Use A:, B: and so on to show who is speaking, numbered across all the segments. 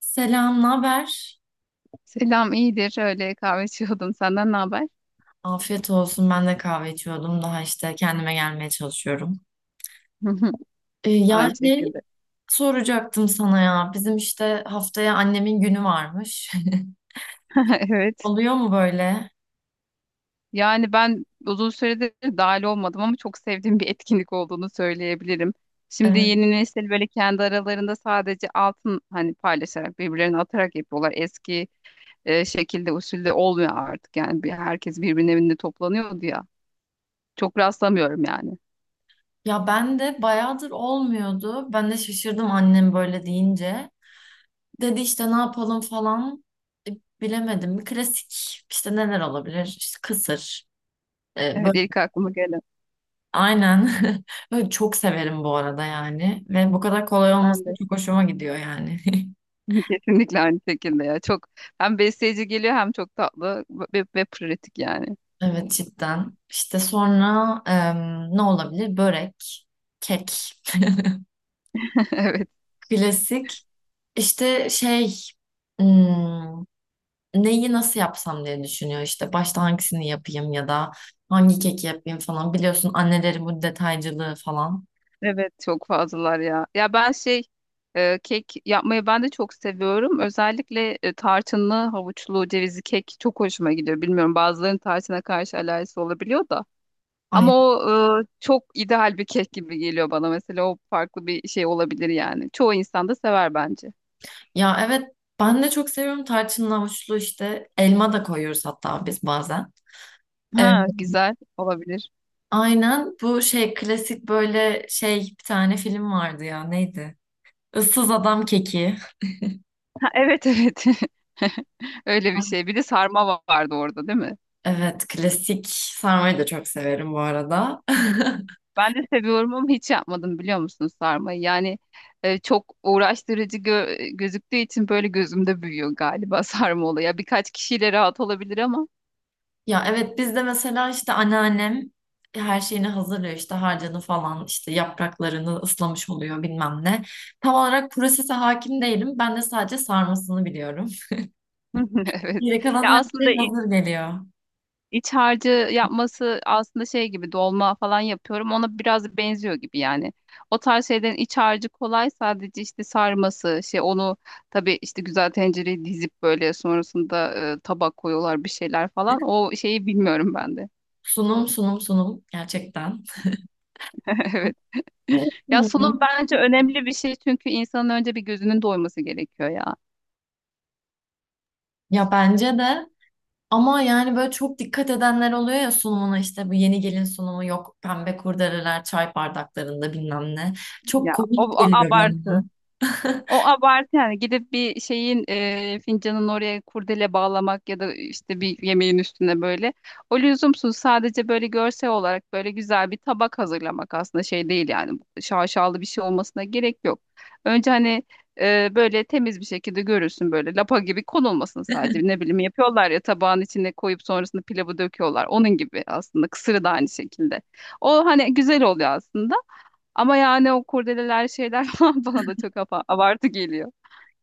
A: Selam, ne haber?
B: Selam, iyidir. Öyle kahve içiyordum. Senden ne haber?
A: Afiyet olsun. Ben de kahve içiyordum. Daha işte kendime gelmeye çalışıyorum. Ya
B: Aynı
A: şey
B: şekilde.
A: soracaktım sana ya. Bizim işte haftaya annemin günü varmış.
B: Evet.
A: Oluyor mu böyle?
B: Yani ben uzun süredir dahil olmadım ama çok sevdiğim bir etkinlik olduğunu söyleyebilirim. Şimdi
A: Evet.
B: yeni nesil böyle kendi aralarında sadece altın hani paylaşarak birbirlerine atarak yapıyorlar. Eski şekilde usulde olmuyor artık. Yani bir, herkes birbirinin evinde toplanıyordu ya. Çok rastlamıyorum yani.
A: Ya ben de bayağıdır olmuyordu. Ben de şaşırdım annem böyle deyince. Dedi işte ne yapalım falan. E, bilemedim. Klasik işte neler olabilir? İşte kısır. E,
B: Evet,
A: böyle
B: ilk aklıma gelen.
A: Aynen. Ben çok severim bu arada yani. Ve bu kadar kolay olması
B: Ben de.
A: çok hoşuma gidiyor yani.
B: Kesinlikle aynı şekilde ya. Çok hem besleyici geliyor hem çok tatlı ve pratik yani.
A: Evet cidden. İşte sonra ne olabilir? Börek, kek.
B: Evet.
A: Klasik. İşte hmm, neyi nasıl yapsam diye düşünüyor işte başta hangisini yapayım ya da hangi keki yapayım falan biliyorsun annelerin bu detaycılığı falan.
B: Evet, çok fazlalar ya. Ya ben şey kek yapmayı ben de çok seviyorum. Özellikle tarçınlı, havuçlu, cevizli kek çok hoşuma gidiyor. Bilmiyorum, bazılarının tarçına karşı alerjisi olabiliyor da. Ama
A: Ay,
B: o çok ideal bir kek gibi geliyor bana. Mesela o farklı bir şey olabilir yani. Çoğu insan da sever bence.
A: ya evet ben de çok seviyorum tarçınlı havuçlu işte elma da koyuyoruz hatta biz bazen.
B: Ha, güzel olabilir.
A: Aynen bu şey klasik böyle şey bir tane film vardı ya neydi? Issız Adam Keki.
B: Ha, evet, evet. Öyle bir şey. Bir de vardı orada, değil mi?
A: Evet klasik sarmayı da çok severim bu arada.
B: Ben de seviyorum ama hiç yapmadım biliyor musun sarmayı? Yani çok uğraştırıcı gözüktüğü için böyle gözümde büyüyor galiba sarma olayı. Ya birkaç kişiyle rahat olabilir ama.
A: Ya evet biz de mesela işte anneannem her şeyini hazırlıyor işte harcını falan işte yapraklarını ıslamış oluyor bilmem ne. Tam olarak prosese hakim değilim ben de sadece sarmasını biliyorum.
B: Evet.
A: Geri
B: Ya
A: kalan her
B: aslında
A: şey
B: i-
A: hazır geliyor.
B: İç harcı yapması aslında şey gibi, dolma falan yapıyorum. Ona biraz benziyor gibi yani. O tarz şeylerin iç harcı kolay, sadece işte sarması şey, onu tabii işte güzel tencereye dizip böyle sonrasında tabak koyuyorlar bir şeyler falan. O şeyi bilmiyorum ben de.
A: Sunum gerçekten.
B: Evet.
A: Evet.
B: Ya sunum bence önemli bir şey, çünkü insanın önce bir gözünün doyması gerekiyor ya.
A: Ya bence de ama yani böyle çok dikkat edenler oluyor ya sunumuna işte bu yeni gelin sunumu yok pembe kurdeleler çay bardaklarında bilmem ne. Çok komik
B: O
A: geliyor
B: abartı.
A: bana.
B: O abartı yani, gidip bir şeyin fincanın oraya kurdele bağlamak ya da işte bir yemeğin üstüne böyle. O lüzumsuz, sadece böyle görsel olarak böyle güzel bir tabak hazırlamak aslında şey değil yani, şaşalı bir şey olmasına gerek yok. Önce hani böyle temiz bir şekilde görürsün, böyle lapa gibi konulmasın, sadece ne bileyim, yapıyorlar ya, tabağın içine koyup sonrasında pilavı döküyorlar. Onun gibi aslında, kısırı da aynı şekilde. O hani güzel oluyor aslında. Ama yani o kurdeleler, şeyler falan bana da çok abartı geliyor.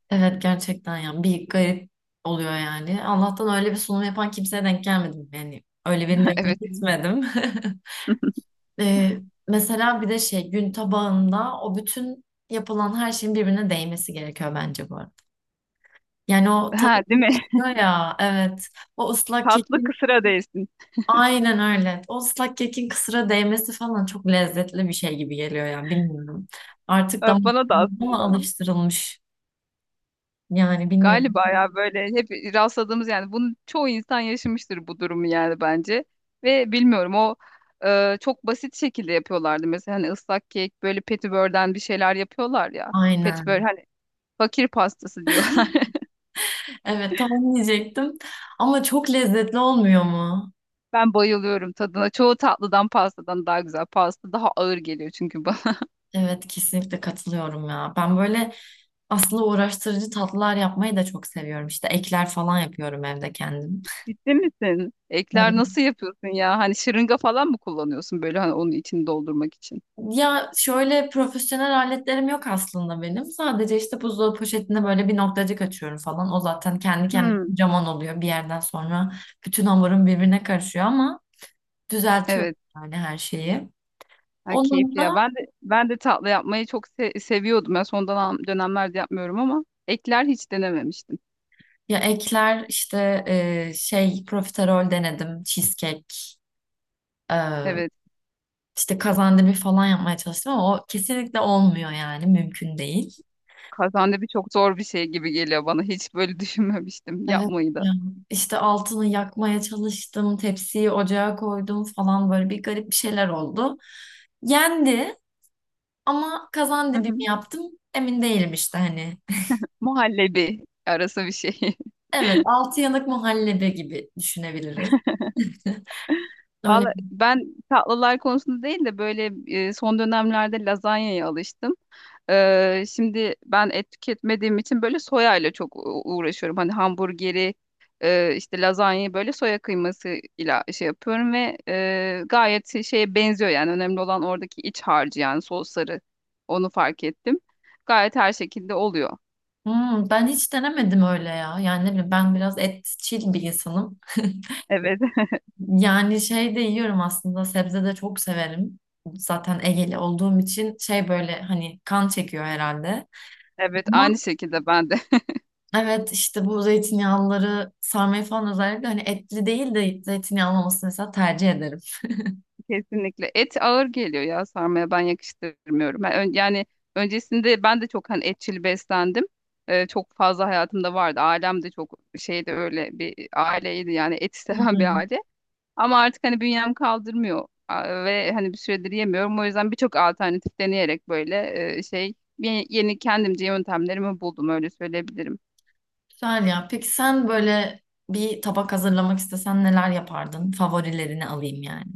A: Evet gerçekten yani bir garip oluyor yani. Allah'tan öyle bir sunum yapan kimseye denk gelmedim yani. Öyle birine evine
B: Evet.
A: gitmedim. Ee, mesela bir de şey gün tabağında o bütün yapılan her şeyin birbirine değmesi gerekiyor bence bu arada. Yani o tadı
B: Ha, değil mi?
A: karışıyor ya evet. O ıslak kek
B: Tatlı kısıra değsin.
A: aynen öyle. O ıslak kekin kısıra değmesi falan çok lezzetli bir şey gibi geliyor yani bilmiyorum. Artık
B: Ha,
A: damak
B: bana da
A: tadına mı
B: aslında.
A: alıştırılmış? Yani bilmiyorum.
B: Galiba ya, böyle hep rastladığımız, yani bunu çoğu insan yaşamıştır bu durumu yani bence. Ve bilmiyorum, o çok basit şekilde yapıyorlardı. Mesela hani ıslak kek, böyle petibörden bir şeyler yapıyorlar ya. Petibör
A: Aynen.
B: hani fakir pastası diyor.
A: Evet tam diyecektim. Ama çok lezzetli olmuyor mu?
B: Ben bayılıyorum tadına. Çoğu tatlıdan, pastadan daha güzel. Pasta daha ağır geliyor çünkü bana.
A: Evet kesinlikle katılıyorum ya. Ben böyle aslında uğraştırıcı tatlılar yapmayı da çok seviyorum. İşte ekler falan yapıyorum evde kendim.
B: Ciddi misin? Ekler nasıl yapıyorsun ya? Hani şırınga falan mı kullanıyorsun böyle, hani onun içini doldurmak için?
A: Ya şöyle profesyonel aletlerim yok aslında benim. Sadece işte buzdolabı poşetinde böyle bir noktacık açıyorum falan. O zaten kendi kendine
B: Hmm.
A: kocaman oluyor bir yerden sonra. Bütün hamurum birbirine karışıyor ama düzeltiyorum
B: Evet.
A: yani her şeyi.
B: Ha,
A: Onun
B: keyifli ya.
A: da
B: Ben de, ben de tatlı yapmayı çok seviyordum. Ya dönemlerde yapmıyorum, ama ekler hiç denememiştim.
A: ya ekler işte şey profiterol denedim, cheesecake, e,
B: Evet.
A: işte kazandibi falan yapmaya çalıştım ama o kesinlikle olmuyor yani mümkün değil.
B: Kazandibi çok zor bir şey gibi geliyor bana. Hiç böyle düşünmemiştim
A: Evet
B: yapmayı da.
A: ya. İşte altını yakmaya çalıştım, tepsiyi ocağa koydum falan böyle bir garip bir şeyler oldu. Yendi ama kazan
B: Hı
A: dibi mi
B: hı.
A: yaptım emin değilim işte hani.
B: Muhallebi arası bir şey.
A: Evet, altı yanık muhallebi gibi düşünebiliriz. Öyle.
B: Valla ben tatlılar konusunda değil de böyle son dönemlerde lazanyaya alıştım. Şimdi ben et tüketmediğim için böyle soya ile çok uğraşıyorum. Hani hamburgeri, işte lazanyayı böyle soya kıyması ile şey yapıyorum ve gayet şeye benziyor yani. Önemli olan oradaki iç harcı, yani sosları. Onu fark ettim. Gayet her şekilde oluyor.
A: Hmm, ben hiç denemedim öyle ya. Yani ne bileyim ben biraz etçil bir insanım.
B: Evet.
A: Yani şey de yiyorum aslında sebze de çok severim. Zaten Egeli olduğum için şey böyle hani kan çekiyor herhalde.
B: Evet, aynı şekilde ben de.
A: Evet işte bu zeytinyağlıları sarmayı falan özellikle hani etli değil de zeytinyağlı olmasını mesela tercih ederim.
B: Kesinlikle. Et ağır geliyor ya, sarmaya ben yakıştırmıyorum. Yani öncesinde ben de çok hani etçil beslendim. Çok fazla hayatımda vardı. Ailem de çok şeydi, öyle bir aileydi yani, eti
A: Hı hı.
B: seven bir aile. Ama artık hani bünyem kaldırmıyor. Aa, ve hani bir süredir yemiyorum. O yüzden birçok alternatif deneyerek böyle şey yeni kendimce yöntemlerimi buldum, öyle söyleyebilirim.
A: Güzel ya. Peki sen böyle bir tabak hazırlamak istesen neler yapardın? Favorilerini alayım yani.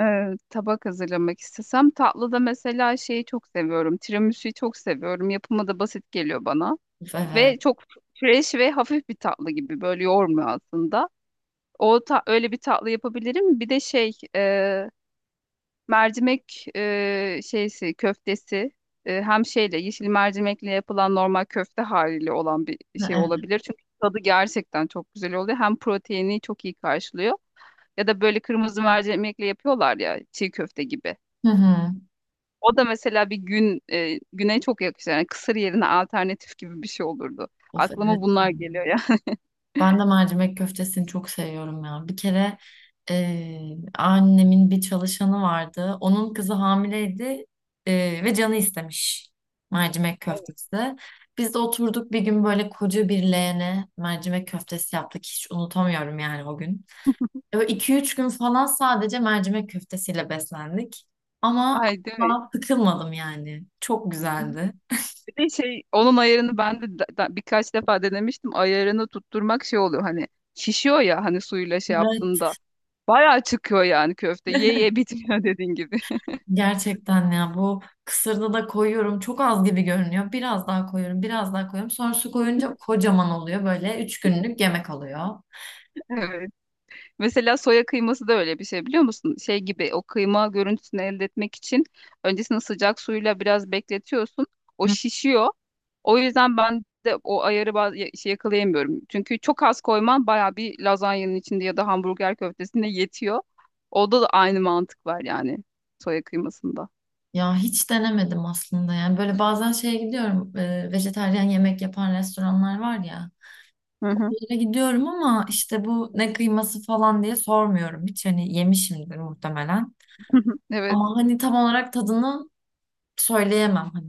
B: Ee, Tabak hazırlamak istesem, tatlıda mesela şeyi çok seviyorum. Tiramisu'yu çok seviyorum. Yapımı da basit geliyor bana.
A: Of evet.
B: Ve çok fresh ve hafif bir tatlı gibi, böyle yoğurmuyor aslında. Öyle bir tatlı yapabilirim. Bir de şey, mercimek, şeysi, köftesi, hem şeyle, yeşil mercimekle yapılan normal köfte haliyle olan bir
A: Ha,
B: şey
A: evet.
B: olabilir. Çünkü tadı gerçekten çok güzel oluyor. Hem proteini çok iyi karşılıyor. Ya da böyle kırmızı mercimekle yapıyorlar ya, çiğ köfte gibi.
A: Hı hı.
B: O da mesela bir güne çok yakışır. Yani kısır yerine alternatif gibi bir şey olurdu.
A: Of evet.
B: Aklıma bunlar geliyor ya.
A: Ben de mercimek köftesini çok seviyorum ya. Bir kere annemin bir çalışanı vardı. Onun kızı hamileydi, ve canı istemiş mercimek köftesi. Biz de oturduk bir gün böyle koca bir leğene mercimek köftesi yaptık. Hiç unutamıyorum yani o gün. Böyle 2-3 gün falan sadece mercimek köftesiyle beslendik. Ama
B: Ay, değil mi?
A: asla sıkılmadım yani. Çok güzeldi.
B: Bir de şey, onun ayarını ben de birkaç defa denemiştim. Ayarını tutturmak şey oluyor hani, şişiyor ya hani suyla şey yaptığında. Bayağı çıkıyor yani köfte. Ye ye bitmiyor dediğin gibi.
A: Gerçekten ya bu kısırda da koyuyorum. Çok az gibi görünüyor. Biraz daha koyuyorum, biraz daha koyuyorum. Sonra su koyunca kocaman oluyor. Böyle üç günlük yemek oluyor.
B: Evet. Mesela soya kıyması da öyle bir şey, biliyor musun? Şey gibi, o kıyma görüntüsünü elde etmek için öncesinde sıcak suyla biraz bekletiyorsun. O
A: Hı.
B: şişiyor. O yüzden ben de o ayarı şey yakalayamıyorum. Çünkü çok az koyman baya bir lazanyanın içinde ya da hamburger köftesinde yetiyor. Orada da aynı mantık var yani, soya kıymasında.
A: Ya hiç denemedim aslında yani. Böyle bazen şeye gidiyorum. E, vejetaryen yemek yapan restoranlar var ya.
B: Hı hı.
A: Oraya gidiyorum ama işte bu ne kıyması falan diye sormuyorum. Hiç hani yemişimdir muhtemelen.
B: Evet.
A: Ama hani tam olarak tadını söyleyemem hani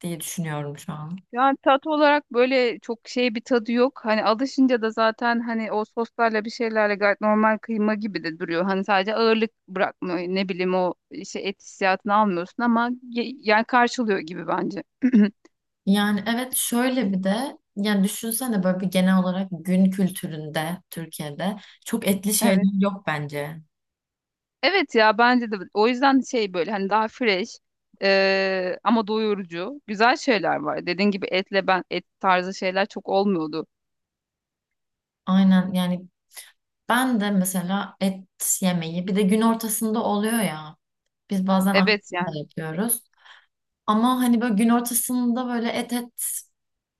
A: diye düşünüyorum şu an.
B: Yani tat olarak böyle çok şey, bir tadı yok. Hani alışınca da zaten, hani o soslarla bir şeylerle gayet normal kıyma gibi de duruyor. Hani sadece ağırlık bırakmıyor. Ne bileyim, o işte et hissiyatını almıyorsun ama yani karşılıyor gibi bence.
A: Yani evet şöyle bir de yani düşünsene böyle bir genel olarak gün kültüründe Türkiye'de çok etli
B: Evet.
A: şeyler yok bence.
B: Evet ya bence de, o yüzden şey, böyle hani daha fresh, ama doyurucu güzel şeyler var. Dediğin gibi etle, ben et tarzı şeyler çok olmuyordu.
A: Aynen yani ben de mesela et yemeği bir de gün ortasında oluyor ya biz bazen akşam
B: Evet yani.
A: da yapıyoruz. Ama hani böyle gün ortasında böyle et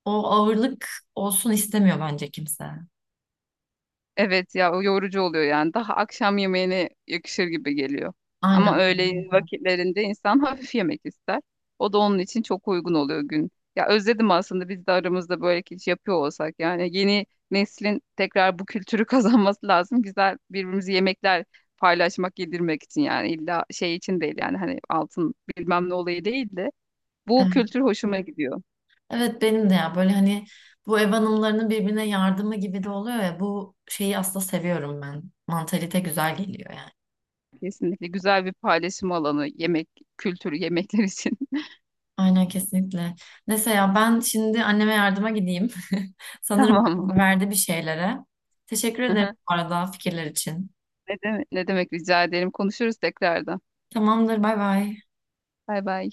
A: o ağırlık olsun istemiyor bence kimse.
B: Evet ya, o yorucu oluyor yani. Daha akşam yemeğine yakışır gibi geliyor. Ama
A: Aynen.
B: öğleyin
A: Evet.
B: vakitlerinde insan hafif yemek ister. O da onun için çok uygun oluyor gün. Ya özledim aslında, biz de aramızda böyle hiç yapıyor olsak. Yani yeni neslin tekrar bu kültürü kazanması lazım. Güzel, birbirimizi yemekler paylaşmak, yedirmek için, yani illa şey için değil yani, hani altın bilmem ne olayı değil de, bu kültür hoşuma gidiyor.
A: Evet benim de ya böyle hani bu ev hanımlarının birbirine yardımı gibi de oluyor ya bu şeyi aslında seviyorum ben. Mantalite güzel geliyor yani.
B: Kesinlikle güzel bir paylaşım alanı, yemek kültürü, yemekler için.
A: Aynen kesinlikle. Neyse ya ben şimdi anneme yardıma gideyim. Sanırım
B: Tamam mı?
A: karar verdi bir şeylere. Teşekkür ederim bu arada fikirler için.
B: Ne demek, ne demek, rica ederim. Konuşuruz tekrardan.
A: Tamamdır, bay bay.
B: Bay bay.